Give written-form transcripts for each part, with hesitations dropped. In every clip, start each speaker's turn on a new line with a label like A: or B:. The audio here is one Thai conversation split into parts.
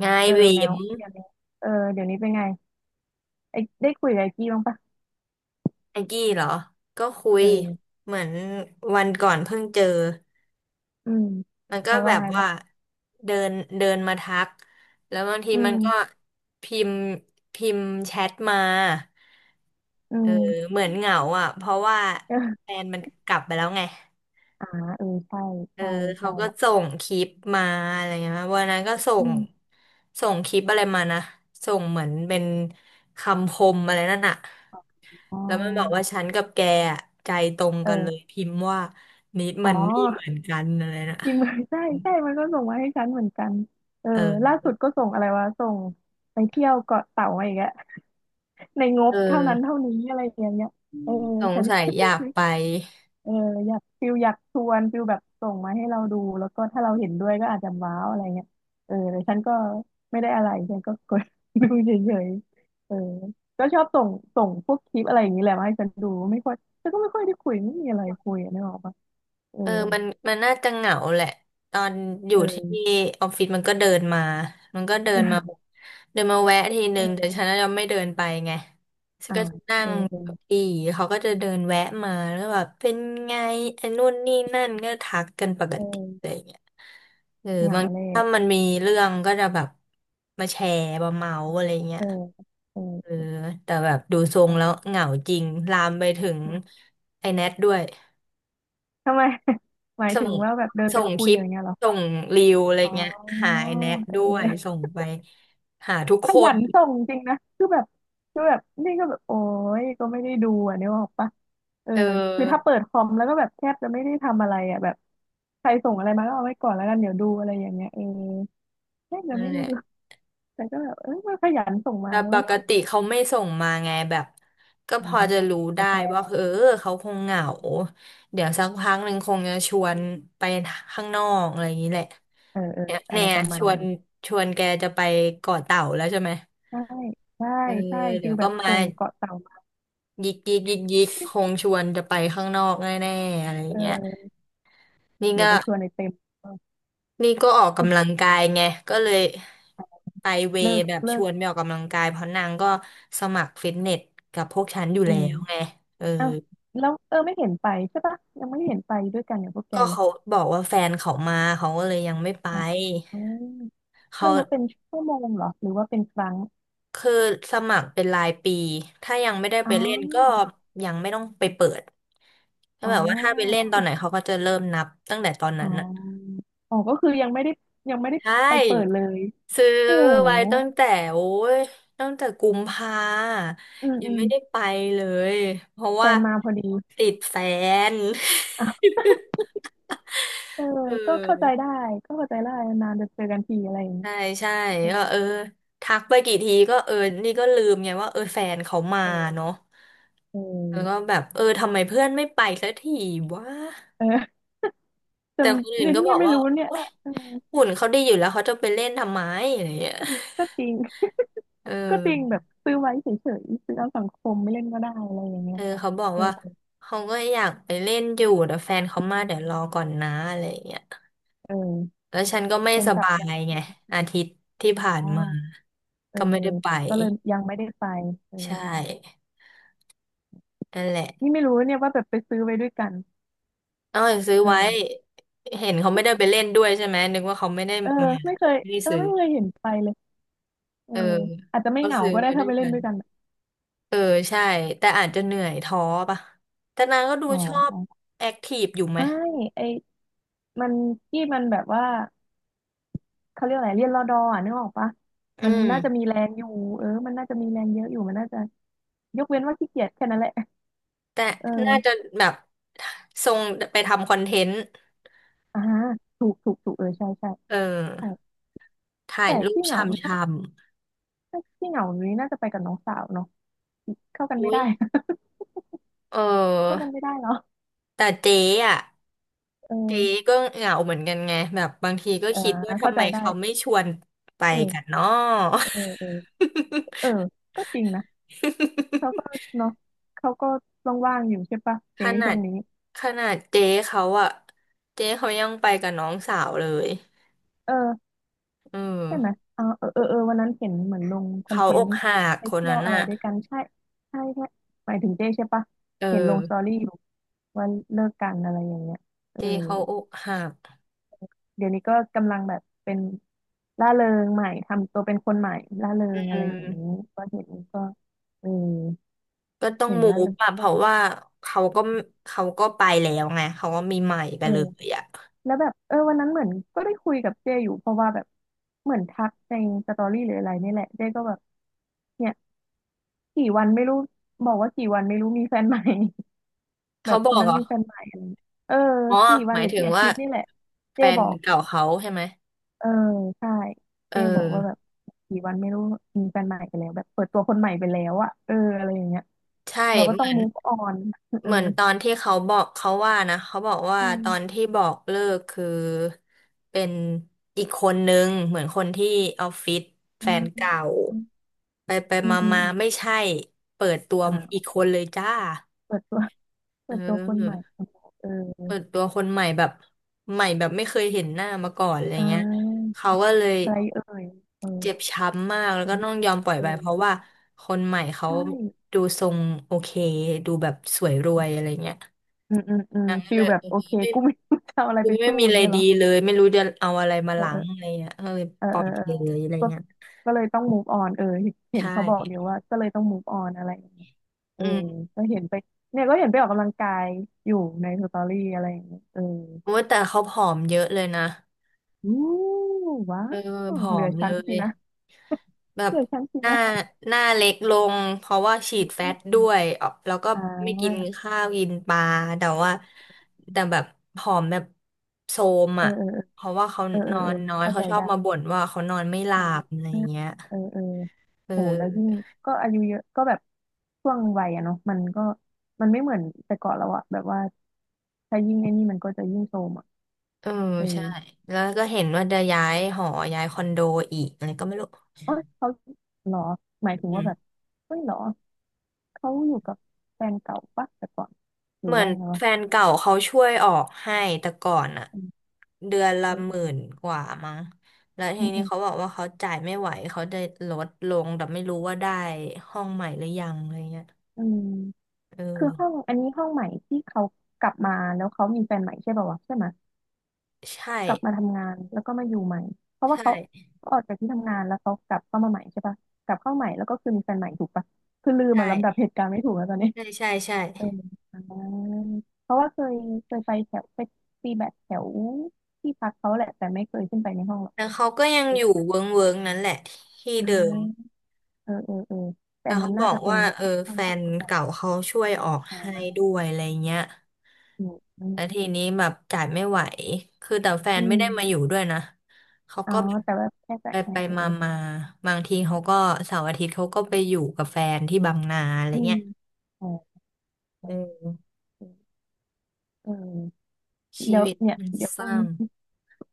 A: ไง
B: เออ
A: เว
B: แมว
A: ม
B: เดี๋ยวนี้เออเดี๋ยวนี้เป็นไงไอ้ได้คุยกับไอ้กี้บ้างปะ
A: แองกี้เหรอก็คุ
B: เ
A: ย
B: ออ
A: เหมือนวันก่อนเพิ่งเจอ
B: อืม
A: มันก็
B: เขา
A: แบ
B: ว่า
A: บ
B: ไง
A: ว่า
B: บ้าง
A: เดินเดินมาทักแล้วบางที
B: อื
A: มันก็
B: ม
A: พิมพ์พิมพ์แชทมา
B: อื
A: เออ
B: ม
A: เหมือนเหงาอ่ะเพราะว่า
B: เออ
A: แฟนมันกลับไปแล้วไง
B: อ่าเออใช่
A: เออ
B: ใช่
A: เขา
B: ใช่
A: ก็ส่งคลิปมาอะไรเงี้ยวันนั้นก็ส่
B: อื
A: ง
B: ม
A: ส่งคลิปอะไรมานะส่งเหมือนเป็นคำคมอะไรนั่นอะ
B: อ๋
A: แล้วมันบอกว่า
B: อ
A: ฉันกับแกอะใจตรงกันเลย
B: เออ
A: พิมพ์ว่านิด
B: อ๋
A: มั
B: อ
A: นนี่เหมือนกันอะไรนะ
B: ทีมเมืองใช่ใช่มันก็ส่งมาให้ฉันเหมือนกันเออ
A: เออ
B: ล่าสุดก็ส่งอะไรวะส่งไปเที่ยวเกาะเต่ามาอีกแล้วในง
A: เอ
B: บเท่านั้น
A: อ
B: เท่านี้อะไรอย่างเงี้ยเออ
A: สง
B: ฉัน
A: สัยอยาก ไป
B: เอออยากฟิลอยากชวนฟิลแบบส่งมาให้เราดูแล้วก็ถ้าเราเห็นด้วยก็อาจจะว้าวอะไรเงี้ยเออแต่ฉันก็ไม่ได้อะไรฉันก็กด ดูเฉยๆเออก็ชอบส่งส่งพวกคลิปอะไรอย่างนี้แหละมาให้ฉันดูไม่ค่อยฉันก็ไม่ค่อยได้คุยไม่มีอะไรคุยอะนึกออกปะเออ
A: เออมันน่าจะเหงาแหละ ตอนอยู่
B: เออ
A: ที่ออฟฟิศมันก็เดินมามันก็เดินมาแบ บเดินมาแวะทีนึ
B: เอ
A: งแต่ฉั
B: อ
A: นจะไม่เดินไปไงฉัน
B: อ่า
A: ก็จะนั่
B: เออ
A: ง
B: เอ
A: เก้า
B: อ
A: อีเขาก็จะเดินแวะมาแล้วแบบเป็นไงไอ้นู่นนี่นั่นก็ทักกันปก
B: เอ
A: ติ
B: อ
A: อะไรอย่างเงี้ยเออ
B: เหงา
A: บาง
B: เล
A: ที
B: ย
A: ถ้ามันมีเรื่องก็จะแบบมาแชร์มาเมาอะไรเงี้
B: เอ
A: ย
B: อเอ
A: เออ
B: อ
A: แต่แบบดูทร
B: เห
A: ง
B: ง
A: แล้ว
B: า
A: เหงาจริงลามไปถึง
B: แหละ
A: ไอ้แนทด้วย
B: ทำไม หมาย
A: ส่
B: ถึง
A: ง
B: ว่าแบบเดินไป
A: ส่งค
B: คุย
A: ลิ
B: อ
A: ป
B: ย่างเงี้ยเหรอ
A: ส่งรีวอะไร
B: อ๋
A: เงี้ย
B: อ
A: หายแนะ
B: เ
A: ด้วย
B: ออ
A: ส่งไปหาทุก
B: ข
A: ค
B: ยั
A: น
B: นส่งจริงนะคือแบบคือแบบนี่ก็แบบโอ้ยก็ไม่ได้ดูอ่ะเนี่ยออกปะเออ
A: เอ
B: คือถ้า
A: อ
B: เปิดคอมแล้วก็แบบแทบจะไม่ได้ทำอะไรอ่ะแบบใครส่งอะไรมาก็เอาไว้ก่อนแล้วกันเดี๋ยวดูอะไรอย่างเงี้ยเออแทบจะ
A: นั่
B: ไม่
A: นแห
B: ได้
A: ละ
B: ดูแต่ก็แบบเออมันขยันส่งมา
A: แต่
B: เลย
A: ป
B: ว
A: กติเขาไม่ส่งมาไงแบบก็
B: อ
A: พอจะรู้ได้
B: กาแฟ
A: ว่าเออเขาคงเหงาเดี๋ยวสักพักหนึ่งคงจะชวนไปข้างนอกอะไรอย่างนี้แหละ
B: เออเออ
A: เนี่ย
B: อะ
A: เนี่
B: ไร
A: ย
B: ประมา
A: ช
B: ณ
A: ว
B: นั้
A: น
B: น
A: ชวนแกจะไปเกาะเต่าแล้วใช่ไหม
B: ใช่ใช่
A: เออ
B: ใช่
A: เดี๋
B: ฟิ
A: ย
B: ล
A: ว
B: แบ
A: ก็
B: บ
A: มา
B: ส่งเกาะเต่ามา
A: ยิกยิกยิกยิกคงชวนจะไปข้างนอกแน่ๆอะไรอ
B: เ
A: ย่างเงี้ย
B: ออ
A: นี่
B: เดี๋ยว
A: ก็
B: ไปชวนในเต็ม เออ
A: นี่ก็ออกกำลังกายไงก็เลยไปเว
B: เลิ
A: ย์
B: ก
A: แบบ
B: เลิ
A: ช
B: ก
A: วนไปออกกำลังกายเพราะนางก็สมัครฟิตเนสกับพวกฉันอยู่
B: อื
A: แล้
B: ม
A: วไงเออ
B: อ้าวแล้วเออไม่เห็นไปใช่ปะยังไม่เห็นไปด้วยกันอย่างพวกแก
A: ก็
B: เลย
A: เขาบอกว่าแฟนเขามาเขาก็เลยยังไม่ไป
B: อ่าอืม
A: เขา
B: มันนับเป็นชั่วโมงเหรอหรือว่าเป็นครั้ง
A: คือสมัครเป็นรายปีถ้ายังไม่ได้
B: อ๋
A: ไปเล่นก็
B: อ
A: ยังไม่ต้องไปเปิดก็
B: อ๋อ
A: แบบว่าถ้าไปเล่นตอนไหนเขาก็จะเริ่มนับตั้งแต่ตอน
B: อ๋
A: นั้น
B: ออ๋อก็คือยังไม่ได้ยังไม่ได้
A: ใช
B: ไปเปิด
A: ่
B: เลย
A: ซื้อ
B: โอ้โห
A: ไว้ตั้งแต่โอ้ยตั้งแต่กุมภา
B: อืม
A: ยั
B: อื
A: ง
B: ม
A: ไม่ได้ไปเลยเพราะ
B: แฟ
A: ว่า
B: นมาพอดี
A: ติดแฟน
B: อ่ะเออ
A: เ
B: ก็เข้าใจ
A: ออ
B: ได้ก็เข้าใจได้นานจะเจอกันทีอะไรอย่างเงี้ย
A: ใช่ใช่
B: เออ
A: ก็เออทักไปกี่ทีก็เออนี่ก็ลืมไงว่าเออแฟนเขามา
B: เออ
A: เนาะ
B: เอ
A: แล้วก็
B: อ
A: แบบเออทำไมเพื่อนไม่ไปสักทีวะ
B: เออจ
A: แต่คน
B: ำ
A: อื่
B: เน
A: นก็บ
B: ี่
A: อ
B: ย
A: ก
B: ไม่
A: ว่า
B: รู้เนี่ย
A: โอ้ย
B: เออ
A: หุ่นเขาดีอยู่แล้วเขาจะไปเล่นทำไมอะไรอย่างเงี้ย
B: ก็จริง
A: เออ
B: ก็จริงแบบซื้อไว้เฉยๆซื้อเอาสังคมไม่เล่นก็ได้อะไรอย่างเงี้
A: เอ
B: ย
A: อเขาบอก
B: เออ
A: ว่าเขาก็อยากไปเล่นอยู่แต่แฟนเขามาเดี๋ยวรอก่อนนะอะไรอย่างเงี้ย
B: เออ
A: แล้วฉันก็ไม่
B: แฟน
A: ส
B: กลับ
A: บาย
B: แล้ว
A: ไงอาทิตย์ที่ผ่า
B: เอ
A: นมา
B: อ เออ
A: ก็ไม่ได้ไป
B: ก็เลยยังไม่ได้ไปเออ
A: ใช่นั่นแหละ
B: นี่ไม่รู้เนี่ยว่าแบบไปซื้อไว้ด้วยกัน
A: เอาอย่างซื้อ
B: เอ
A: ไว้
B: อ
A: เห็นเขาไม่ได้ไปเล่นด้วยใช่ไหมนึกว่าเขาไม่ได้
B: เออ
A: มา
B: ไม่เคย
A: ไม่ได้
B: เออ
A: ซื้อ
B: ไม่เคยเห็นไปเลยเออ
A: เออ
B: อาจจะไม่
A: เขา
B: เหงา
A: ซื้อ
B: ก็ได้
A: มาด้
B: ถ้า
A: วย
B: ไปเล่
A: กั
B: น
A: น
B: ด้วยกัน
A: เออใช่แต่อาจจะเหนื่อยท้อป่ะแต่นางก็ดู
B: อ๋
A: ชอบ
B: อ
A: แอคทีฟอยู่ไหม
B: ไม่ไอมันที่มันแบบว่าเขาเรียกอะไรเรียนรอดออ่ะนึกออกปะ
A: อื
B: มัน
A: ม
B: น่าจะมีแรงอยู่เออมันน่าจะมีแรงเยอะอยู่มันน่าจะยกเว้นว่าขี้เกียจแค่นั้นแหละ
A: แต่
B: เ
A: น่าจะ
B: ออ
A: แบบทรงไปทำคอนเทนต์
B: อ่าถูกถูกถูกเออใช่ใช่
A: เออ
B: ใช่
A: ถ่าย
B: แต่
A: รูป
B: ที่เหงา
A: ชำช
B: น่าที่เหงานี้น่าจะไปกับน้องสาวเนาะเข้ากั
A: ำ
B: นไม่
A: อุ้ย
B: ได้
A: เ
B: เข้า
A: ออ
B: กันไม่ได้เนาะ
A: แต่เจ๊อ่ะ
B: เอ
A: เจ๊
B: อ
A: ก็เหงาเหมือนกันไงแบบบางทีก็
B: อ่า
A: คิดว่า
B: เข้า
A: ทำไม
B: ใจได้
A: เขาไม่ชวนไปกัน
B: เออ
A: เนาะ
B: เออเออเออ ก็จริงนะเขาก็เนาะเขาก็ว่างๆอยู่ใช่ปะ
A: ข
B: เจ๊
A: นา
B: ช่ว
A: ด
B: งนี้
A: ขนาดเจ๊เขาอะเจ๊เขายังไปกับน้องสาวเลย
B: เออ
A: เอ
B: ใช่ไหม
A: อ
B: เออเออเออเออวันนั้นเห็นเหมือนลงคอน
A: เขา
B: เท
A: อ
B: น
A: ก
B: ต์
A: หัก
B: ไป
A: คน
B: เที่ย
A: นั้
B: ว
A: น
B: อะไร
A: อะ
B: ด้วยกันใช่ใช่ใช่หมายถึงเจ๊ใช่ปะ
A: เออ
B: เห็นลงสตอรี่อยู่ว่าเลิกกันอะไรอย่างเงี้ยเอ
A: เจ๊
B: อ
A: เขาอกหัก
B: เดี๋ยวนี้ก็กำลังแบบเป็นร่าเริงใหม่ทำตัวเป็นคนใหม่ร่าเริ
A: อื
B: งอะไรอย่างนี้
A: ม
B: ก็เห็นก็เออ
A: ก็ต้อง
B: เห็น
A: มู
B: ร่า
A: ฟ
B: เริง
A: อะเพราะว่าเขาก็เขาก็ไปแล้วไงเขาก็มีใหม่ไป
B: เออ
A: เลยอะ
B: แล้วแบบเออวันนั้นเหมือนก็ได้คุยกับเจอยู่เพราะว่าแบบเหมือนทักในสตอรี่หรืออะไรนี่แหละเจก็แบบเนี่ยกี่วันไม่รู้บอกว่ากี่วันไม่รู้มีแฟนใหม่ แบ
A: เขา
B: บ
A: บ
B: ค
A: อ
B: น
A: ก
B: นั้
A: เห
B: น
A: รอ
B: มีแฟนใหม่อะไรอย่างเงี้ยเออ
A: อ๋อ
B: กี่วั
A: ห
B: น
A: มา
B: ห
A: ย
B: รือ
A: ถึง
B: กี่อา
A: ว่า
B: ทิตย์นี่แหละเจ
A: แฟ
B: บ
A: น
B: อก
A: เก่าเขาใช่ไหม
B: เออใช่
A: เอ
B: เจ
A: อ
B: บอกว่าแบบกี่วันไม่รู้มีแฟนใหม่ไปแล้วแบบเปิดตัวคนใหม่ไปแล้วอะเอออะไรอย่างเงี้ย
A: ใช่
B: เรา
A: เห
B: ก็ต้อ
A: มื
B: ง
A: อน
B: move on เออ
A: ตอนที่เขาบอกเขาว่านะเขาบอกว่า
B: อื
A: ตอน
B: ม
A: ที่บอกเลิกคือเป็นอีกคนนึงเหมือนคนที่ออฟฟิศแฟ
B: อ่า
A: นเก่า
B: อืม
A: ไปไป
B: อืม
A: มา
B: อืม
A: มาไม่ใช่เปิดตัว
B: อ่
A: อีก
B: า
A: คนเลยจ้า
B: เปิดตัว
A: เอ
B: เปิดตัวคนใหม่
A: อ
B: เออ
A: เปิดตัวคนใหม่แบบใหม่แบบไม่เคยเห็นหน้ามาก่อนอะไร
B: อ่า
A: เงี้ยเขาก็เลย
B: ไรเอ่ยเออ
A: เจ็บช้ำมากแล้ว
B: ฟิ
A: ก็
B: นิ
A: ต้
B: ก
A: องยอมปล่อย
B: เอ่
A: ไปเพราะว่า
B: ย
A: คนใหม่เขา
B: ใช่
A: ดูทรงโอเคดูแบบสวยรวยอะไรเงี้ย
B: อืมอืมอืม
A: นางก็
B: ฟี
A: เล
B: ล
A: ย
B: แบบ
A: เออ
B: โอเค
A: ไม่
B: กูไม่รู้จะเอาอะไร
A: กู
B: ไป
A: ไม่
B: สู้
A: มี
B: อ
A: อะ
B: ย่าง
A: ไร
B: เงี้ยเหร
A: ดี
B: อ
A: เลยไม่รู้จะเอาอะไรมา
B: เอ
A: ล้างอะ
B: อ
A: ไรเงี้ยก็เลย
B: เออ
A: ปล่อ
B: เอ
A: ย
B: อ
A: ไป
B: เออเออ
A: เลยอะไร
B: ก็
A: เงี้ย
B: ก็เลยต้อง move on เออเห็น
A: ใช่
B: เขาบอกเดี๋ยวว่าก็เลยต้อง move on อะไรอย่างเงี้ยเออ
A: อืม
B: ก็เห็นไปเนี่ยก็เห็นไปออกกำลังกายอยู่ในสตอรี่อะไรอย่างเงี้ยเออ
A: โอ้ยแต่เขาผอมเยอะเลยนะ
B: อู้ว้า
A: เออ
B: ว
A: ผอ
B: เหลือ
A: มเล
B: ชั้นสิ
A: ย
B: นะ
A: แบ
B: เห
A: บ
B: ลือชั้นสิ
A: หน้า
B: นะ
A: หน้าเล็กลงเพราะว่าฉี
B: อื
A: ดแฟตด้
B: ม
A: วยออกแล้วก็
B: อ่า
A: ไม่กินข้าวกินปลาแต่ว่าแต่แบบผอมแบบโทรม
B: เออ
A: อ่ะ
B: เออ
A: เพราะว่าเขา
B: เออเอ
A: น
B: อ
A: อ
B: เออเออ
A: นน้อย
B: เข้า
A: เขา
B: ใจ
A: ชอบ
B: ได้
A: มาบ่นว่าเขานอนไม่หลั
B: อ่า
A: บอะไรอย่างเงี้ย
B: เออเออ
A: เออ
B: โอ้แล้วยิ่งก็อายุเยอะก็แบบช่วงวัยอะเนาะมันก็มันไม่เหมือนแต่ก่อนแล้วอะแบบว่าถ้ายิ่งไอ้นี่มันก็จะยิ่งโทรมอะ
A: เออ
B: เออ
A: ใช่แล้วก็เห็นว่าจะย้ายหอย้ายคอนโดอีกอะไรก็ไม่รู้
B: เอ้ยเขาเหรอหมายถึง
A: อื
B: ว่าแบบ
A: ม
B: เฮ้ยเหรอเขาอยู่กับแฟนเก่าปะแต่ก่อนหรื
A: เห
B: อ
A: มือ
B: ว่า
A: น
B: ยังไงวะ
A: แฟนเก่าเขาช่วยออกให้แต่ก่อนอะ
B: อืม
A: เดือนละ
B: เออ
A: ห
B: เอ
A: มื่
B: อ
A: นกว่ามั้งแล้ว
B: อื
A: ที
B: ม
A: นี้
B: อืม
A: เขาบอกว่าเขาจ่ายไม่ไหวเขาได้ลดลงแต่ไม่รู้ว่าได้ห้องใหม่หรือยังอะไรเงี้ย
B: อืม
A: เอ
B: คือห้อ
A: อ
B: งอันนี้ห้องใหม่ที่เขากลับมาแล้วเขามีแฟนใหม่ใช่ป่าววะใช่ไหม
A: ใช่
B: กลับมาทำงานแล้วก็มาอยู่ใหม่เพราะ
A: ใ
B: ว่าเขา
A: ช่
B: เขาออกจากที่ทำงานแล้วเขากลับเข้ามาใหม่ใช่ปะกลับเข้าใหม่แล้วก็คือมีแฟนใหม่ถูกปะคือลืมอะลำดับ
A: ใช่
B: เหตุการณ์ไม่ถูกแล้วตอนนี้
A: ใช่ใช่ใช่
B: เอออ่าเพราะว่าเคยไปตีแบดแถวที่พักเขาแหละแต่ไม่เคยขึ้นไปในห้องหรอก
A: แล้วเขาก็ยัง
B: เอ
A: อยู่
B: อ
A: เวิ้งเวิ้งนั้นแหละที่
B: อ่
A: เดิม
B: าเออเออเออแต่
A: แต่
B: อันนั้
A: เขา
B: น
A: บ
B: น่า
A: อก
B: จะเป็น
A: ว่าเออ
B: ห้อ
A: แฟ
B: งที่อ
A: น
B: ยู่กับแฟน
A: เก่า
B: เรา
A: เขาช่วยออก
B: อ่
A: ให้
B: า
A: ด้วยอะไรเงี้ย
B: อืมอืม
A: แล้วทีนี้แบบจ่ายไม่ไหวคือแต่แฟ
B: อื
A: นไม่
B: ม
A: ได้มาอยู่ด้วยนะเขา
B: อ๋อ
A: ก็
B: แต่ว่าแค่แต่
A: ไป
B: แค่
A: ไป
B: เออ
A: มามาบางทีเขาก็เสาร์อาทิตย์เขาก็ไปอยู่กับแฟนที่บางนาอะไร
B: อืม
A: เงี้ย
B: อ๋ออ๋
A: เอ
B: อ
A: อ
B: เออเออ
A: ชี
B: แล้ว
A: วิต
B: เนี่ย
A: มันเศร้า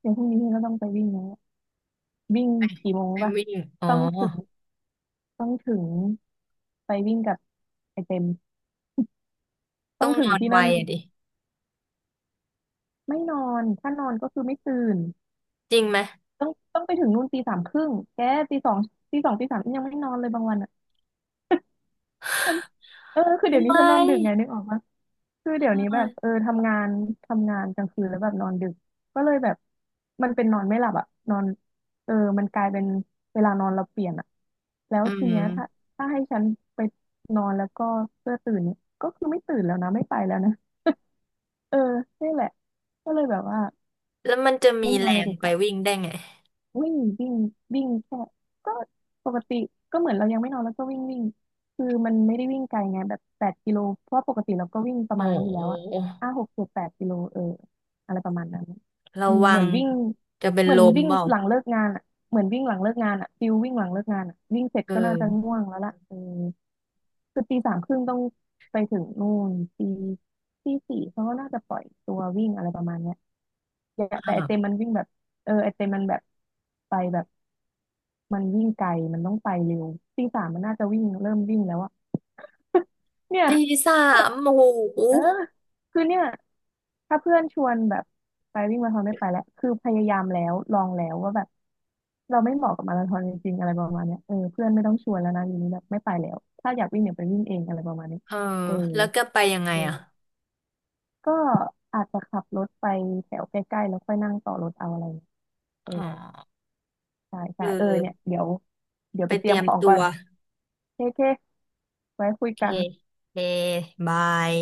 B: เดี๋ยวพรุ่งนี้ก็ต้องไปวิ่งแล้ววิ่งกี่โมง
A: ไป
B: ปะ
A: วิ่งอ๋อ
B: ต้องถึงต้องถึงไปวิ่งกับไอเต็มต้
A: ต้
B: อ
A: อ
B: ง
A: ง
B: ถึ
A: น
B: ง
A: อน
B: ที่
A: ไว
B: นั่น
A: อะดิ
B: ไม่นอนถ้านอนก็คือไม่ตื่น
A: จริงไหม
B: ต้องไปถึงนู่นตีสามครึ่งแกตีสองตีสองตีสามยังไม่นอนเลยบางวันอ่ะฉันเออคือเดี๋ยวนี้ฉันนอนดึกไงนึกออกปะ คือเดี๋ยวนี้แบบเออทำงานกลางคืนแล้วแบบนอนดึกก็เลยแบบมันเป็นนอนไม่หลับอะนอนเออมันกลายเป็นเวลานอนเราเปลี่ยนอะแล้ว
A: อื
B: ที
A: ม
B: เนี้ยถ้าให้ฉันไปนอนแล้วก็เพื่อตื่นเนี่ยก็คือไม่ตื่นแล้วนะไม่ไปแล้วนะเออนี่แหละก็เลยแบบว่า
A: แล้วมันจะมี
B: ไม่นอ
A: แร
B: นเลย
A: ง
B: ดีก
A: ไป
B: ว่า
A: วิ่งได้ไง
B: วิ่งวิ่งวิ่งแค่ก็ปกติก็เหมือนเรายังไม่นอนแล้วก็วิ่งวิ่งคือมันไม่ได้วิ่งไกลไงแบบแปดกิโลเพราะปกติเราก็วิ่งประ
A: โอ้
B: มาณนั้นอ
A: โ
B: ยู่แล้วอะ
A: ห
B: ห้าหกเจ็ดแปดกิโลเอออะไรประมาณนั้น
A: ระ
B: อืม
A: วั
B: เหมือ
A: ง
B: นวิ่ง
A: จะเป็น
B: เหมื
A: ล
B: อน
A: ม
B: วิ่ง
A: เปล่า
B: หลังเลิกงานอะเหมือนวิ่งหลังเลิกงานอะฟิลวิ่งหลังเลิกงานอะวิ่งเสร็จ
A: เอ
B: ก็น่าจะง่
A: อ
B: วงแล้วล่ะเออคือตีสามครึ่งต้องไปถึงนู่นตีสี่เขาก็น่าจะปล่อยตัววิ่งอะไรประมาณเนี้ยอย่าแต่ไอเต็ม
A: ค่ะ
B: มันวิ่งแบบเออไอเต็มมันแบบไปแบบ มันวิ่งไกลมันต้องไปเร็วตีสามมันน่าจะเริ่มวิ่งแล้วอะเนี่ย
A: ตีสา มโอ้โห
B: เออคือเนี่ยถ้าเพื่อนชวนแบบไปวิ่งมาราธอนไม่ไปแล้วคือพยายามแล้วลองแล้วว่าแบบเราไม่เหมาะกับมาราธอนจริงๆอะไรประมาณเนี้ยเออเพื่อนไม่ต้องชวนแล้วนะอยู่นี้แบบไม่ไปแล้วถ้าอยากวิ่งเนี่ยไปวิ่งเองอะไรประมาณนี้
A: เออ
B: เออ
A: แล้วก็ไปยังไง
B: เออ
A: อ่ะ
B: ก็อาจจะขับรถไปแถวใกล้ๆแล้วค่อยนั่งต่อรถเอาอะไรเงี้ยเออ
A: อ๋อ
B: ใช่
A: เ
B: ใช่เออเนี่ย
A: ออ
B: เดี๋ยว
A: ไป
B: ไปเต
A: เต
B: รีย
A: รี
B: ม
A: ยม
B: ของ
A: ตั
B: ก่อ
A: ว
B: นเคเคไว้คุ
A: โอ
B: ย
A: เค
B: กัน
A: โอเคบาย